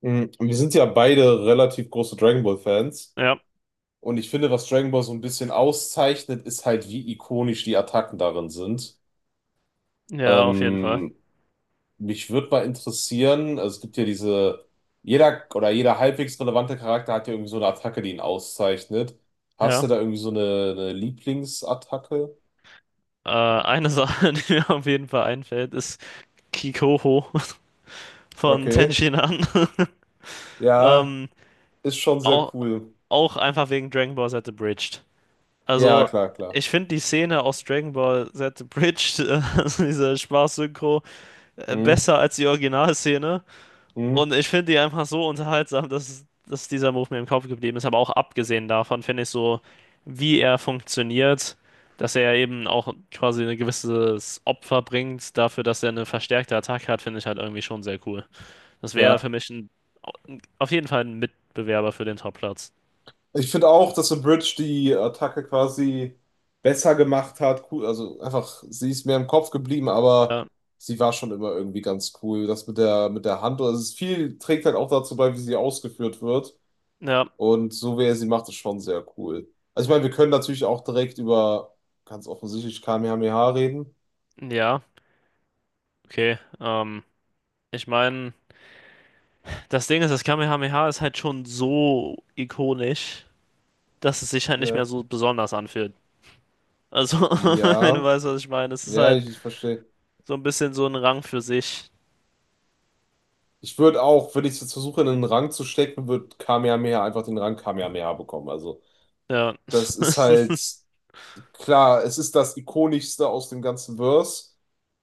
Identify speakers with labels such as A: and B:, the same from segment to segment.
A: Mhm. Und wir sind ja beide relativ große Dragon Ball Fans.
B: Ja,
A: Und ich finde, was Dragon Ball so ein bisschen auszeichnet, ist halt, wie ikonisch die Attacken darin sind.
B: ja, auf jeden Fall.
A: Ähm, mich würde mal interessieren, also es gibt ja diese, jeder oder jeder halbwegs relevante Charakter hat ja irgendwie so eine Attacke, die ihn auszeichnet. Hast
B: Ja.
A: du da irgendwie so eine Lieblingsattacke?
B: Eine Sache, die mir auf jeden Fall einfällt, ist Kikoho von
A: Okay.
B: Tenshinhan.
A: Ja,
B: Ähm,
A: ist schon sehr
B: auch,
A: cool.
B: auch einfach wegen Dragon Ball Z Abridged.
A: Ja,
B: Also,
A: klar, klar.
B: ich finde die Szene aus Dragon Ball Z Abridged, also diese Spaß-Synchro,
A: Mhm.
B: besser als die Originalszene.
A: Mhm.
B: Und ich finde die einfach so unterhaltsam, dass dieser Move mir im Kopf geblieben ist. Aber auch abgesehen davon finde ich so, wie er funktioniert, dass er eben auch quasi ein gewisses Opfer bringt dafür, dass er eine verstärkte Attacke hat, finde ich halt irgendwie schon sehr cool. Das wäre für
A: Ja.
B: mich ein, auf jeden Fall ein Mitbewerber für den Topplatz.
A: Ich finde auch, dass The Bridge die Attacke quasi besser gemacht hat. Cool, also einfach, sie ist mir im Kopf geblieben, aber
B: Ja,
A: sie war schon immer irgendwie ganz cool. Das mit der Hand, also es ist viel trägt halt auch dazu bei, wie sie ausgeführt wird.
B: ja,
A: Und so wie er sie macht, ist schon sehr cool. Also ich meine, wir können natürlich auch direkt über ganz offensichtlich Kamehameha reden.
B: ja, okay. Ich meine, das Ding ist, das Kamehameha ist halt schon so ikonisch, dass es sich halt nicht mehr
A: Ja.
B: so besonders anfühlt. Also, wenn du
A: Ja,
B: weißt, was ich meine, es ist
A: ja,
B: halt
A: ich verstehe.
B: so ein bisschen so ein Rang für sich.
A: Ich würde auch, wenn ich es jetzt versuche, in einen Rang zu stecken, wird Kamehameha einfach den Rang Kamehameha bekommen. Also,
B: Ja.
A: das ist halt. Klar, es ist das ikonischste aus dem ganzen Verse.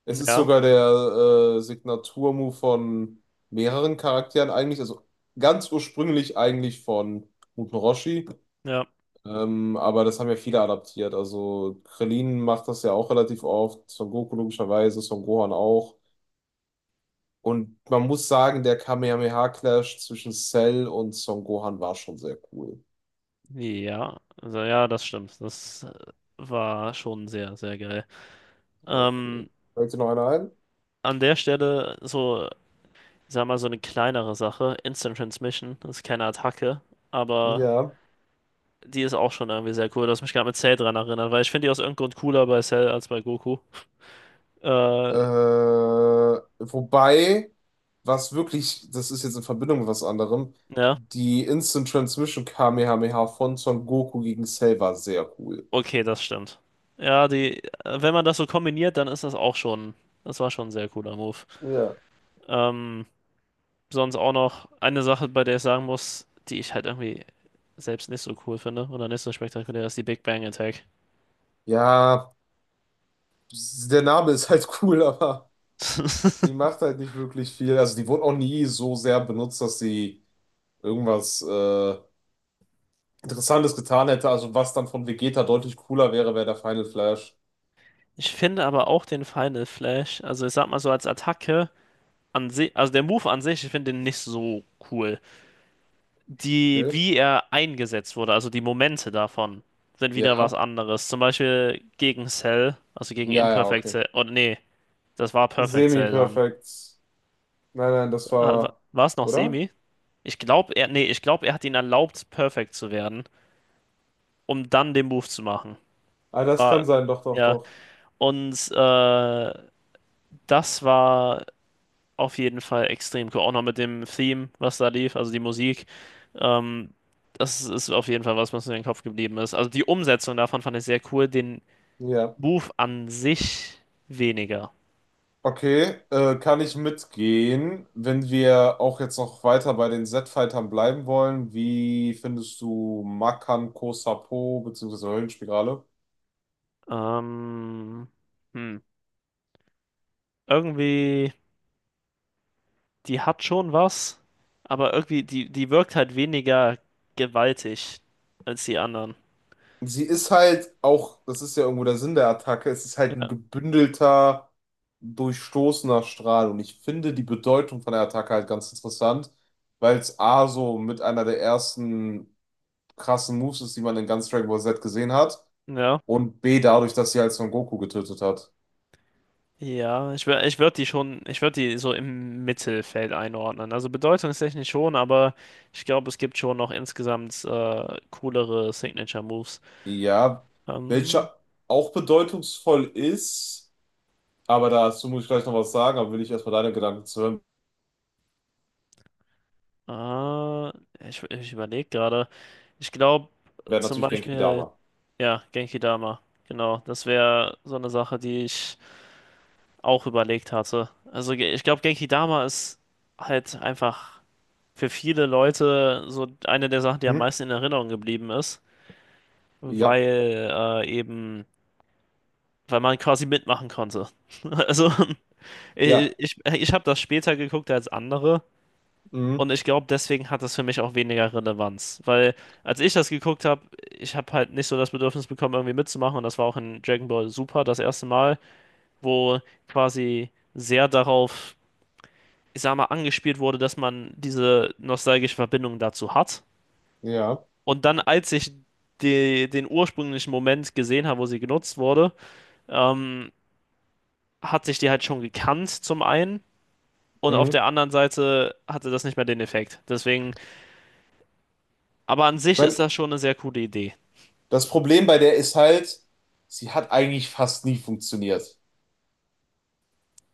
A: Es ist
B: Ja,
A: sogar der Signaturmove von mehreren Charakteren eigentlich, also ganz ursprünglich eigentlich von Muten Roshi,
B: ja,
A: aber das haben ja viele adaptiert. Also Krillin macht das ja auch relativ oft, Son Goku logischerweise, Son Gohan auch. Und man muss sagen, der Kamehameha-Clash zwischen Cell und Son Gohan war schon sehr cool.
B: ja. Also, ja, das stimmt. Das war schon sehr, sehr geil.
A: Okay.
B: Ähm,
A: Fällt dir noch einer ein?
B: an der Stelle so, sag mal, so eine kleinere Sache. Instant Transmission, das ist keine Attacke, aber
A: Ja.
B: die ist auch schon irgendwie sehr cool. Du hast mich gerade mit Cell dran erinnert, weil ich finde die aus irgendeinem Grund cooler bei Cell als bei Goku. Äh,
A: Wobei, was wirklich, das ist jetzt in Verbindung mit was anderem,
B: ja.
A: die Instant Transmission Kamehameha von Son Goku gegen Cell war sehr cool.
B: Okay, das stimmt. Ja, wenn man das so kombiniert, dann ist das auch schon, das war schon ein sehr cooler Move.
A: Ja.
B: Ähm, Sonst auch noch eine Sache, bei der ich sagen muss, die ich halt irgendwie selbst nicht so cool finde oder nicht so spektakulär, ist die Big Bang Attack.
A: Ja, der Name ist halt cool, aber die macht halt nicht wirklich viel. Also die wurde auch nie so sehr benutzt, dass sie irgendwas Interessantes getan hätte. Also was dann von Vegeta deutlich cooler wäre, wäre der Final Flash.
B: Ich finde aber auch den Final Flash, also ich sag mal so als Attacke an sich, also der Move an sich, ich finde den nicht so cool. Die,
A: Okay.
B: wie er eingesetzt wurde, also die Momente davon, sind wieder was
A: Ja,
B: anderes. Zum Beispiel gegen Cell, also gegen
A: ja, ja,
B: Imperfect
A: okay.
B: Cell, oder nee. Das war Perfect Cell dann.
A: Semi-perfekt. Nein, nein, das war,
B: War es noch
A: oder?
B: Semi? Ich glaube, ich glaube, er hat ihn erlaubt, perfekt zu werden, um dann den Move zu machen.
A: Ah, das kann
B: War,
A: sein, doch, doch,
B: ja,
A: doch.
B: und das war auf jeden Fall extrem cool. Auch noch mit dem Theme, was da lief, also die Musik. Ähm, Das ist auf jeden Fall was, was mir in den Kopf geblieben ist. Also die Umsetzung davon fand ich sehr cool, den
A: Ja.
B: Move an sich weniger.
A: Okay, kann ich mitgehen, wenn wir auch jetzt noch weiter bei den Z-Fightern bleiben wollen. Wie findest du Makan Kosapo beziehungsweise Höllenspirale?
B: Ähm, hm. Irgendwie. Die hat schon was, aber irgendwie, die wirkt halt weniger gewaltig als die anderen.
A: Sie ist halt auch, das ist ja irgendwo der Sinn der Attacke, es ist halt ein
B: Ja.
A: gebündelter, durchstoßener Strahl. Und ich finde die Bedeutung von der Attacke halt ganz interessant, weil es A so mit einer der ersten krassen Moves ist, die man in ganz Dragon Ball Z gesehen hat.
B: Ja,
A: Und B, dadurch, dass sie halt Son Goku getötet hat.
B: ja, ich würde die schon, ich würde die so im Mittelfeld einordnen. Also bedeutungstechnisch schon, aber ich glaube, es gibt schon noch insgesamt coolere Signature Moves.
A: Ja,
B: Ähm,
A: welcher auch bedeutungsvoll ist, aber dazu muss ich gleich noch was sagen, aber will ich erstmal deine Gedanken zu hören,
B: äh, ich überlege gerade. Ich glaube
A: wäre
B: zum
A: natürlich Genki
B: Beispiel,
A: Dama.
B: ja, Genki Dama. Genau, das wäre so eine Sache, die ich auch überlegt hatte. Ich glaube, Genkidama ist halt einfach für viele Leute so eine der Sachen, die am
A: Hm?
B: meisten in Erinnerung geblieben ist,
A: Ja,
B: weil weil man quasi mitmachen konnte. Also ich,
A: ja,
B: ich, ich habe das später geguckt als andere
A: mhm.
B: und ich glaube, deswegen hat das für mich auch weniger Relevanz, weil als ich das geguckt habe, ich habe halt nicht so das Bedürfnis bekommen, irgendwie mitzumachen, und das war auch in Dragon Ball Super das erste Mal, wo quasi sehr darauf ich sag mal, angespielt wurde, dass man diese nostalgische Verbindung dazu hat.
A: Ja.
B: Und dann, als ich den ursprünglichen Moment gesehen habe, wo sie genutzt wurde, ähm, hat sich die halt schon gekannt, zum einen. Und auf
A: Mhm.
B: der
A: Ich
B: anderen Seite hatte das nicht mehr den Effekt. Deswegen, aber an sich
A: mein,
B: ist das schon eine sehr coole Idee.
A: das Problem bei der ist halt, sie hat eigentlich fast nie funktioniert.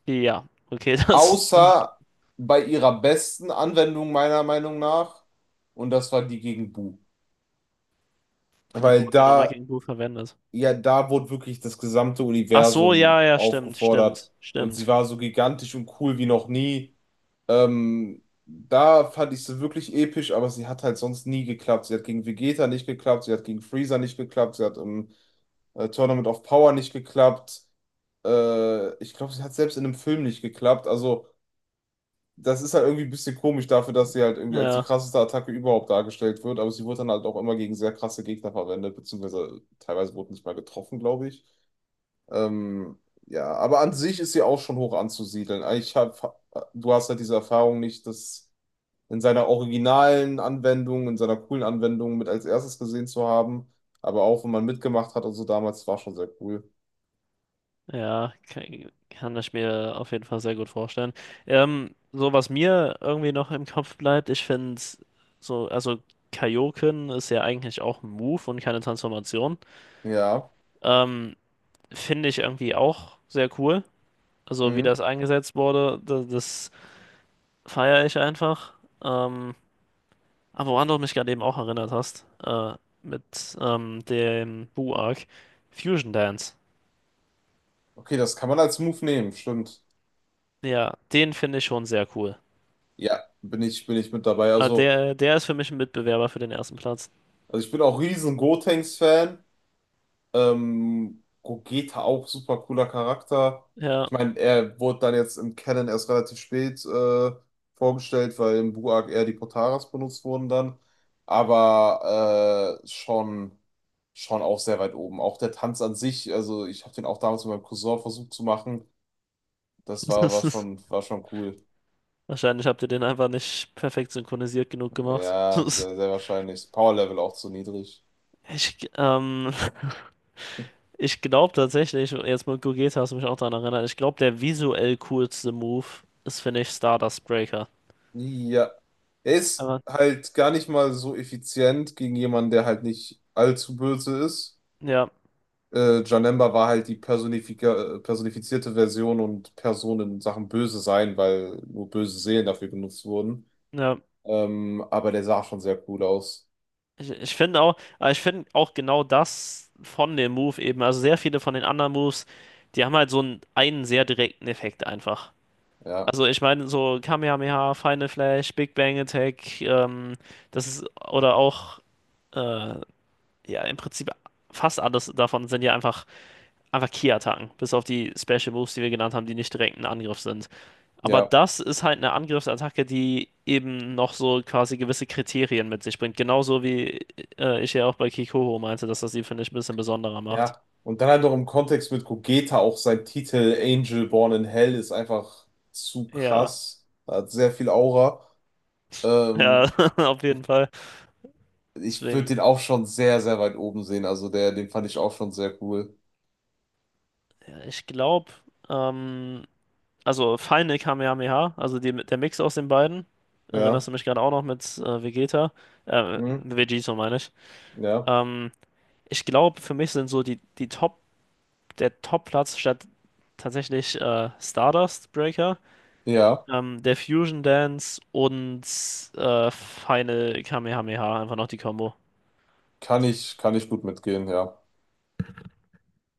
B: Ja, okay, das.
A: Außer bei ihrer besten Anwendung meiner Meinung nach, und das war die gegen Bu.
B: Wie
A: Weil
B: wurde die nochmal
A: da
B: gegen Blue verwendet?
A: ja, da wurde wirklich das gesamte
B: Ach so, ja,
A: Universum
B: ja, stimmt,
A: aufgefordert
B: stimmt,
A: und sie
B: stimmt.
A: war so gigantisch und cool wie noch nie. Da fand ich sie wirklich episch, aber sie hat halt sonst nie geklappt. Sie hat gegen Vegeta nicht geklappt, sie hat gegen Freezer nicht geklappt, sie hat im Tournament of Power nicht geklappt. Ich glaube, sie hat selbst in einem Film nicht geklappt. Also, das ist halt irgendwie ein bisschen komisch dafür, dass sie halt irgendwie als die
B: Ja.
A: krasseste Attacke überhaupt dargestellt wird, aber sie wurde dann halt auch immer gegen sehr krasse Gegner verwendet, beziehungsweise teilweise wurde nicht mal getroffen, glaube ich. Ähm, ja, aber an sich ist sie auch schon hoch anzusiedeln. Ich hab, du hast halt diese Erfahrung nicht, das in seiner originalen Anwendung, in seiner coolen Anwendung mit als erstes gesehen zu haben. Aber auch wenn man mitgemacht hat, also damals war schon sehr cool.
B: Ja, kann, kann ich mir auf jeden Fall sehr gut vorstellen. So was mir irgendwie noch im Kopf bleibt, ich finde so, also Kaioken ist ja eigentlich auch ein Move und keine Transformation.
A: Ja.
B: Ähm, Finde ich irgendwie auch sehr cool. Also wie
A: Mhm.
B: das eingesetzt wurde, das, das feiere ich einfach. Ähm, aber woran du mich gerade eben auch erinnert hast, mit dem Buu-Arc, Fusion Dance.
A: Okay, das kann man als Move nehmen, stimmt.
B: Ja, den finde ich schon sehr cool.
A: Ja, bin ich mit dabei.
B: Ah, der, der ist für mich ein Mitbewerber für den ersten Platz.
A: Also ich bin auch riesen Gotenks-Fan. Gogeta auch super cooler Charakter.
B: Ja.
A: Ich meine, er wurde dann jetzt im Canon erst relativ spät vorgestellt, weil im Blue Arc eher die Potaras benutzt wurden dann. Aber schon auch sehr weit oben. Auch der Tanz an sich, also ich habe den auch damals mit meinem Cousin versucht zu machen. Das war, war schon, war schon cool.
B: Wahrscheinlich habt ihr den einfach nicht perfekt synchronisiert genug gemacht.
A: Ja, sehr, sehr wahrscheinlich. Power Level auch zu niedrig.
B: Ich, ähm, Ich glaube tatsächlich, jetzt mit Gogeta hast du mich auch daran erinnert, ich glaube, der visuell coolste Move ist, finde ich, Stardust Breaker.
A: Ja, er ist
B: Aber
A: halt gar nicht mal so effizient gegen jemanden, der halt nicht allzu böse ist.
B: ja,
A: Janemba war halt die personifizierte Version und Person in Sachen Böse sein, weil nur böse Seelen dafür genutzt wurden.
B: ja.
A: Aber der sah schon sehr cool aus.
B: Ich finde auch, aber ich finde auch genau das von dem Move eben, also sehr viele von den anderen Moves, die haben halt so einen sehr direkten Effekt einfach.
A: Ja,
B: Also ich meine, so Kamehameha, Final Flash, Big Bang Attack, das ist, oder auch, äh, ja, im Prinzip fast alles davon sind ja einfach Ki-Attacken, bis auf die Special Moves, die wir genannt haben, die nicht direkt ein Angriff sind. Aber
A: ja,
B: das ist halt eine Angriffsattacke, die eben noch so quasi gewisse Kriterien mit sich bringt. Genauso wie ich ja auch bei Kikoho meinte, dass das sie, finde ich, ein bisschen besonderer macht.
A: ja. Und dann halt noch im Kontext mit Gogeta auch sein Titel Angel Born in Hell ist einfach zu
B: Ja,
A: krass. Er hat sehr viel Aura.
B: ja,
A: Ähm,
B: auf jeden Fall.
A: Ich würde den
B: Deswegen,
A: auch schon sehr, sehr weit oben sehen. Also der, den fand ich auch schon sehr cool.
B: ja, ich glaube, ähm, Also Final Kamehameha, also die, der Mix aus den beiden. Erinnerst du
A: Ja,
B: mich gerade auch noch mit Vegeta?
A: mhm.
B: Vegito meine ich.
A: Ja.
B: Ähm, Ich glaube, für mich sind so die Top, der Top-Platz statt tatsächlich Stardust Breaker,
A: Ja,
B: der Fusion Dance und Final Kamehameha, einfach noch die Combo.
A: kann ich gut mitgehen, ja.